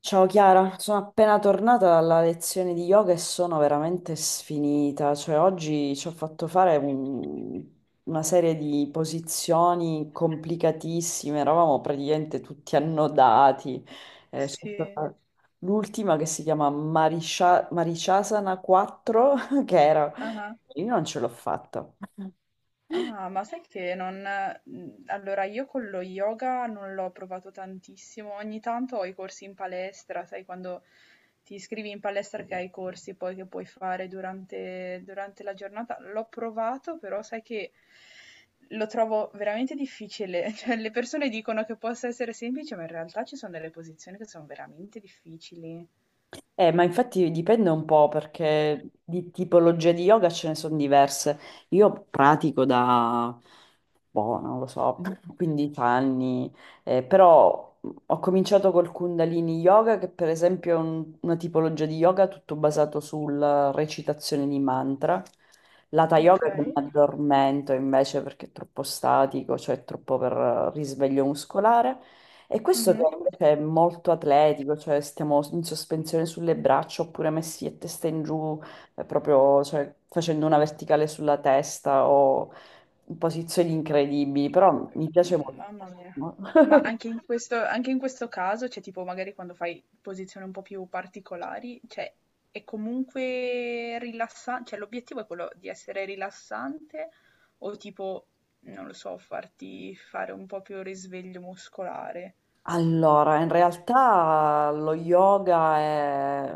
Ciao Chiara, sono appena tornata dalla lezione di yoga e sono veramente sfinita, cioè oggi ci ho fatto fare una serie di posizioni complicatissime, eravamo praticamente tutti annodati. Ci ho fatto Sì, fare l'ultima che si chiama Marishasana 4, che era. ah-ah. Io non ce l'ho fatta. Ah, ma sai che non allora io con lo yoga non l'ho provato tantissimo, ogni tanto ho i corsi in palestra, sai quando ti iscrivi in palestra che hai i corsi poi che puoi fare durante la giornata, l'ho provato però sai che lo trovo veramente difficile, cioè le persone dicono che possa essere semplice, ma in realtà ci sono delle posizioni che sono veramente difficili. Ma infatti dipende un po' perché di tipologie di yoga ce ne sono diverse. Io pratico da, boh, non lo so, 15 anni, però ho cominciato col Kundalini Yoga, che per esempio è una tipologia di yoga tutto basato sulla recitazione di mantra. L'Hatha Yoga che mi Okay. addormento invece perché è troppo statico, cioè troppo per risveglio muscolare. E questo che Mh-mh. invece è molto atletico, cioè stiamo in sospensione sulle braccia oppure messi a testa in giù, proprio cioè, facendo una verticale sulla testa o in posizioni incredibili, però mi piace molto. Mamma mia. Ma anche in questo caso, cioè tipo magari quando fai posizioni un po' più particolari, cioè è comunque rilassa, cioè l'obiettivo è quello di essere rilassante o tipo, non lo so, farti fare un po' più risveglio muscolare? Allora, in realtà lo yoga è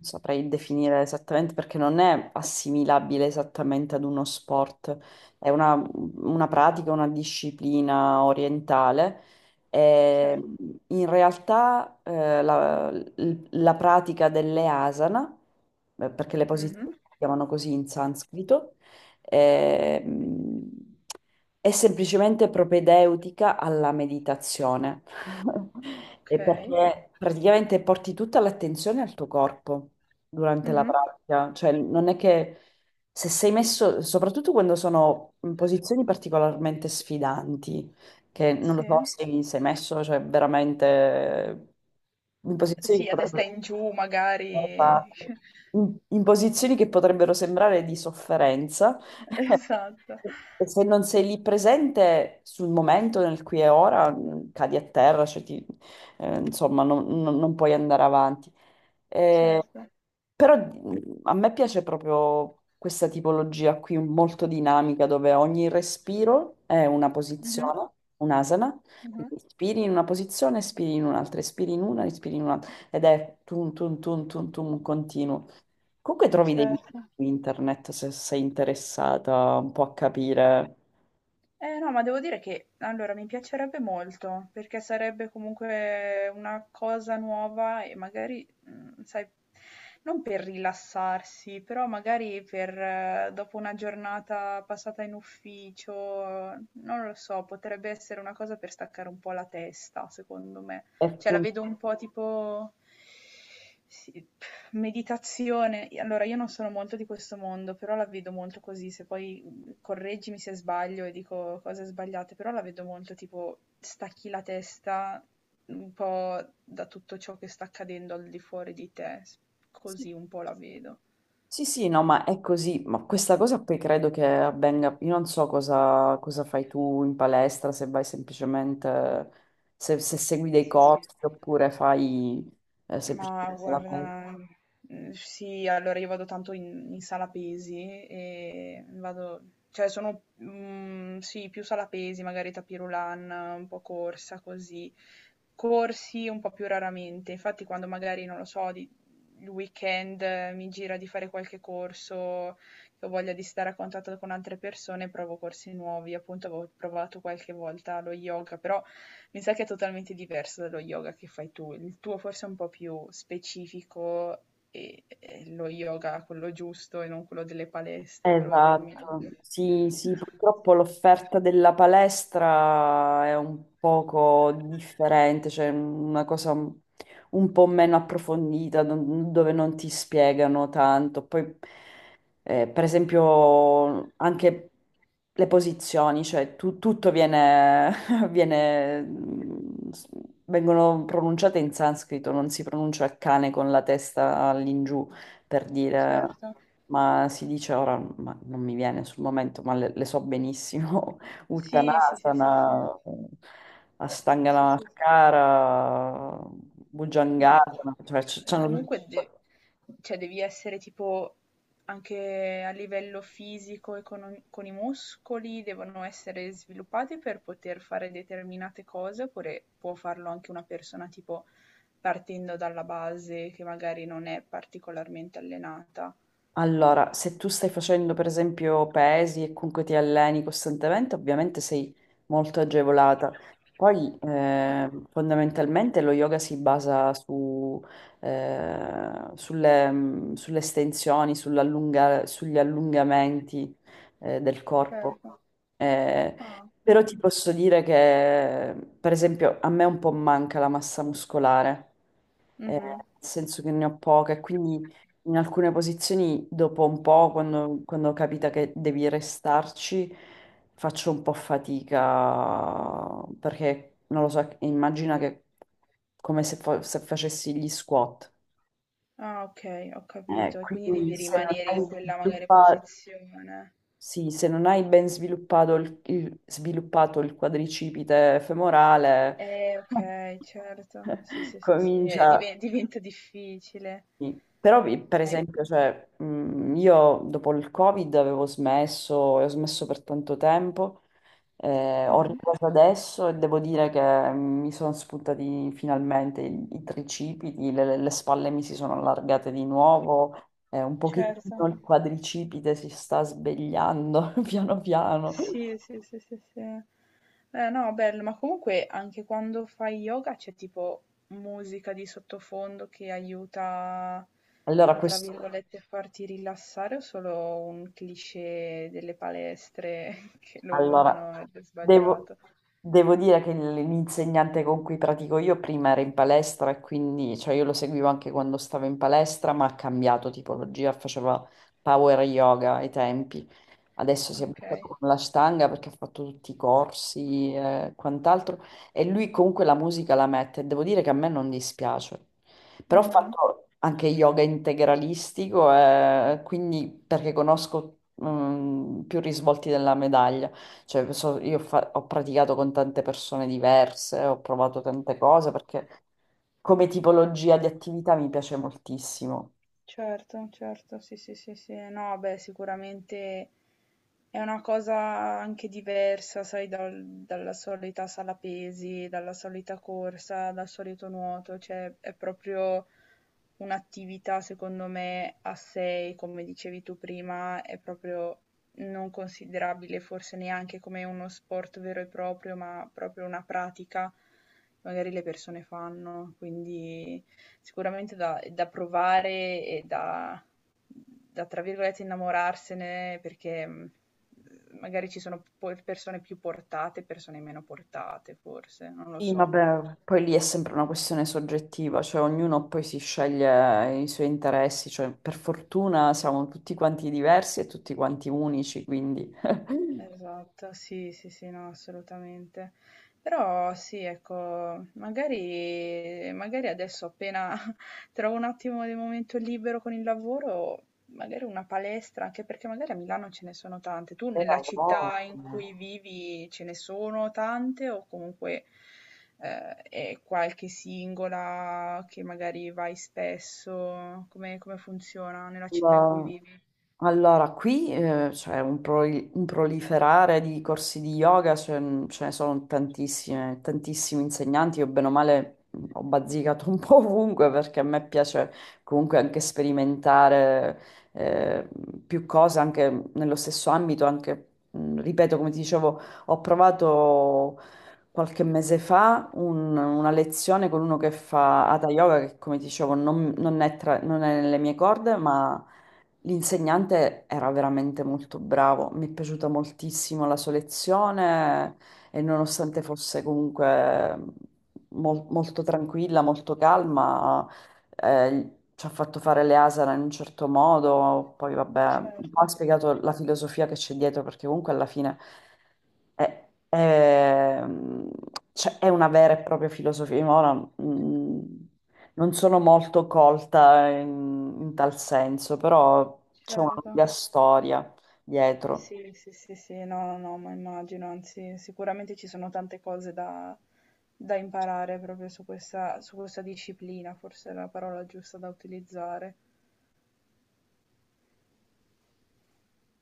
saprei definire esattamente perché non è assimilabile esattamente ad uno sport, è una pratica, una disciplina orientale. Cioè E in realtà la pratica delle asana, perché le posizioni mh-mh, si chiamano così in sanscrito, ehm, è semplicemente propedeutica alla meditazione. E okay, perché praticamente porti tutta l'attenzione al tuo corpo durante la mh-mh, pratica, cioè non è che se sei messo, soprattutto quando sono in posizioni particolarmente sfidanti, che non lo sì. so se sei messo, cioè veramente in posizioni che Sì, a testa potrebbero. in giù magari. Esatto. In posizioni che potrebbero sembrare di sofferenza, Esatto, e se non sei lì presente sul momento, nel qui e ora, cadi a terra, cioè insomma, non puoi andare avanti. Eh, certo. però a me piace proprio questa tipologia qui, molto dinamica, dove ogni respiro è una Mh-mh, posizione, un'asana. mh-mh, Quindi inspiri in una posizione, espiri in un'altra, espiri in una, inspiri in un'altra ed è tum tum tum tum tum continuo. Comunque trovi dei video certo. su internet se sei interessata un po' a capire. Eh no, ma devo dire che allora mi piacerebbe molto, perché sarebbe comunque una cosa nuova e magari, sai, non per rilassarsi, però magari per dopo una giornata passata in ufficio, non lo so, potrebbe essere una cosa per staccare un po' la testa, secondo me. E Cioè la fun- vedo un po' tipo sì, meditazione. Allora, io non sono molto di questo mondo, però la vedo molto così, se poi correggimi se sbaglio e dico cose sbagliate, però la vedo molto tipo stacchi la testa un po' da tutto ciò che sta accadendo al di fuori di te, s- Sì, così un po' la vedo. sì, sì, no, ma è così. Ma questa cosa poi credo che avvenga. Io non so cosa fai tu in palestra, se vai semplicemente, se segui dei corsi oppure fai Ma semplicemente la palestra. guarda, mhmm, sì, allora io vado tanto in sala pesi e vado, cioè sono, mhmm, sì, più sala pesi, magari tapis roulant, un po' corsa così. Corsi un po' più raramente, infatti quando magari, non lo so, di il weekend mi gira di fare qualche corso, che ho voglia di stare a contatto con altre persone, provo corsi nuovi. Appunto avevo provato qualche volta lo yoga, però mi sa che è totalmente diverso dallo yoga che fai tu. Il tuo forse è un po' più specifico e, lo yoga quello giusto e non quello delle palestre, Esatto, probabilmente. sì, sì, purtroppo l'offerta della palestra è un poco differente, cioè una cosa un po' meno approfondita, dove non ti spiegano tanto. Poi, per esempio, anche le posizioni, cioè tutto viene, viene- mm, s- vengono pronunciate in sanscrito, non si pronuncia il cane con la testa all'ingiù per dire, Certo. ma si dice ora, ma non mi viene sul momento, ma le so benissimo, Sì, sì, sì, sì, sì. Uttanasana, Astangana Sì, sì, Mascara, ma co Bhujangasana, cioè c'hanno tutti. comunque de, cioè devi essere tipo anche a livello fisico e con i muscoli devono essere sviluppati per poter fare determinate cose, oppure può farlo anche una persona tipo partendo dalla base che magari non è particolarmente allenata? Allora, se tu stai facendo per esempio pesi e comunque ti alleni costantemente, ovviamente sei molto agevolata. Poi fondamentalmente lo yoga si basa sulle estensioni, sugli allungamenti del corpo. Certo. Eh, Ah, però okay. ti posso dire che, per esempio, a me un po' manca la massa muscolare nel Mh-mh. senso che ne ho poche, quindi in alcune posizioni dopo un po', quando capita che devi restarci, faccio un po' fatica, perché non lo so, immagina che come se, se facessi gli squat. Ah, okay, ho capito. E quindi Quindi devi se non rimanere in hai quella magari posizione. sì, se non hai ben sviluppato il quadricipite femorale, Ok, certo. Sì, sì, sì, sì. Comincia. Diventa difficile. Sì. Però, per Ma è- esempio, cioè, io dopo il Covid avevo smesso e ho smesso per tanto tempo, ho mhm, ripreso adesso e devo dire che mi sono spuntati finalmente i tricipiti, le spalle mi si sono allargate di nuovo, un certo. pochettino il quadricipite si sta svegliando piano piano. Sì, sì, sì, sì, sì. No, bello, ma comunque anche quando fai yoga c'è tipo musica di sottofondo che aiuta Allora, a, tra questo. virgolette, farti rilassare o solo un cliché delle palestre che lo Allora, usano ed è devo, sbagliato? devo dire che l'insegnante con cui pratico io prima era in palestra e quindi, cioè io lo seguivo anche quando stavo in palestra, ma ha cambiato tipologia, faceva power yoga ai tempi. Adesso si è Ok. buttato con la stanga perché ha fatto tutti i corsi e quant'altro. E lui comunque la musica la mette. Devo dire che a me non dispiace. Però ho Mhm. fatto anche yoga integralistico, quindi perché conosco più risvolti della medaglia. Cioè, ho praticato con tante persone diverse, ho provato tante cose perché come tipologia di attività mi piace moltissimo. Certo, certo, sì, sì, sì, sì. No, beh, sicuramente è una cosa anche diversa, sai, dal- dalla solita sala pesi, dalla solita corsa, dal solito nuoto, cioè è proprio un'attività, secondo me, a sé, come dicevi tu prima, è proprio non considerabile forse neanche come uno sport vero e proprio, ma proprio una pratica che magari le persone fanno, quindi... Sicuramente da provare e da tra virgolette "innamorarsene" perché, mhmm, magari ci sono po persone più portate e persone meno portate forse, non lo Sì, so. vabbè, poi lì è sempre una questione soggettiva, cioè ognuno poi si sceglie i suoi interessi, cioè per fortuna siamo tutti quanti diversi e tutti quanti unici, quindi. Esatto, sì, sì, sì, no, assolutamente. Però sì, ecco, magari, magari adesso appena trovo un attimo di momento libero con il lavoro, magari una palestra, anche perché magari a Milano ce ne sono tante. Tu A nella città in voglia. cui vivi ce ne sono tante o comunque è qualche singola che magari vai spesso? Come, come funziona nella città in cui vivi? Allora, qui c'è un proliferare di corsi di yoga, ce ne sono tantissime, tantissimi insegnanti, io bene o male ho bazzicato un po' ovunque perché a me piace comunque anche sperimentare eh, più cose anche nello stesso ambito, anche, ripeto, come ti dicevo, ho provato qualche mese fa una lezione con uno che fa Hatha Yoga, che come ti dicevo non è nelle mie corde, ma. L'insegnante era veramente molto bravo, mi è piaciuta moltissimo la sua lezione e nonostante fosse comunque molto tranquilla, molto calma, ci ha fatto fare le asana in un certo modo, poi vabbè, un po' Certo, ha spiegato la filosofia che c'è dietro perché comunque alla fine è, è- cioè, è una vera e propria filosofia. Io ora, mm, non sono molto colta in tal senso, però c'è una certo. lunga storia dietro. Sì, sì, sì, sì, no, no, no, ma immagino, anzi, sicuramente ci sono tante cose da, da imparare proprio su questa disciplina, forse è la parola giusta da utilizzare.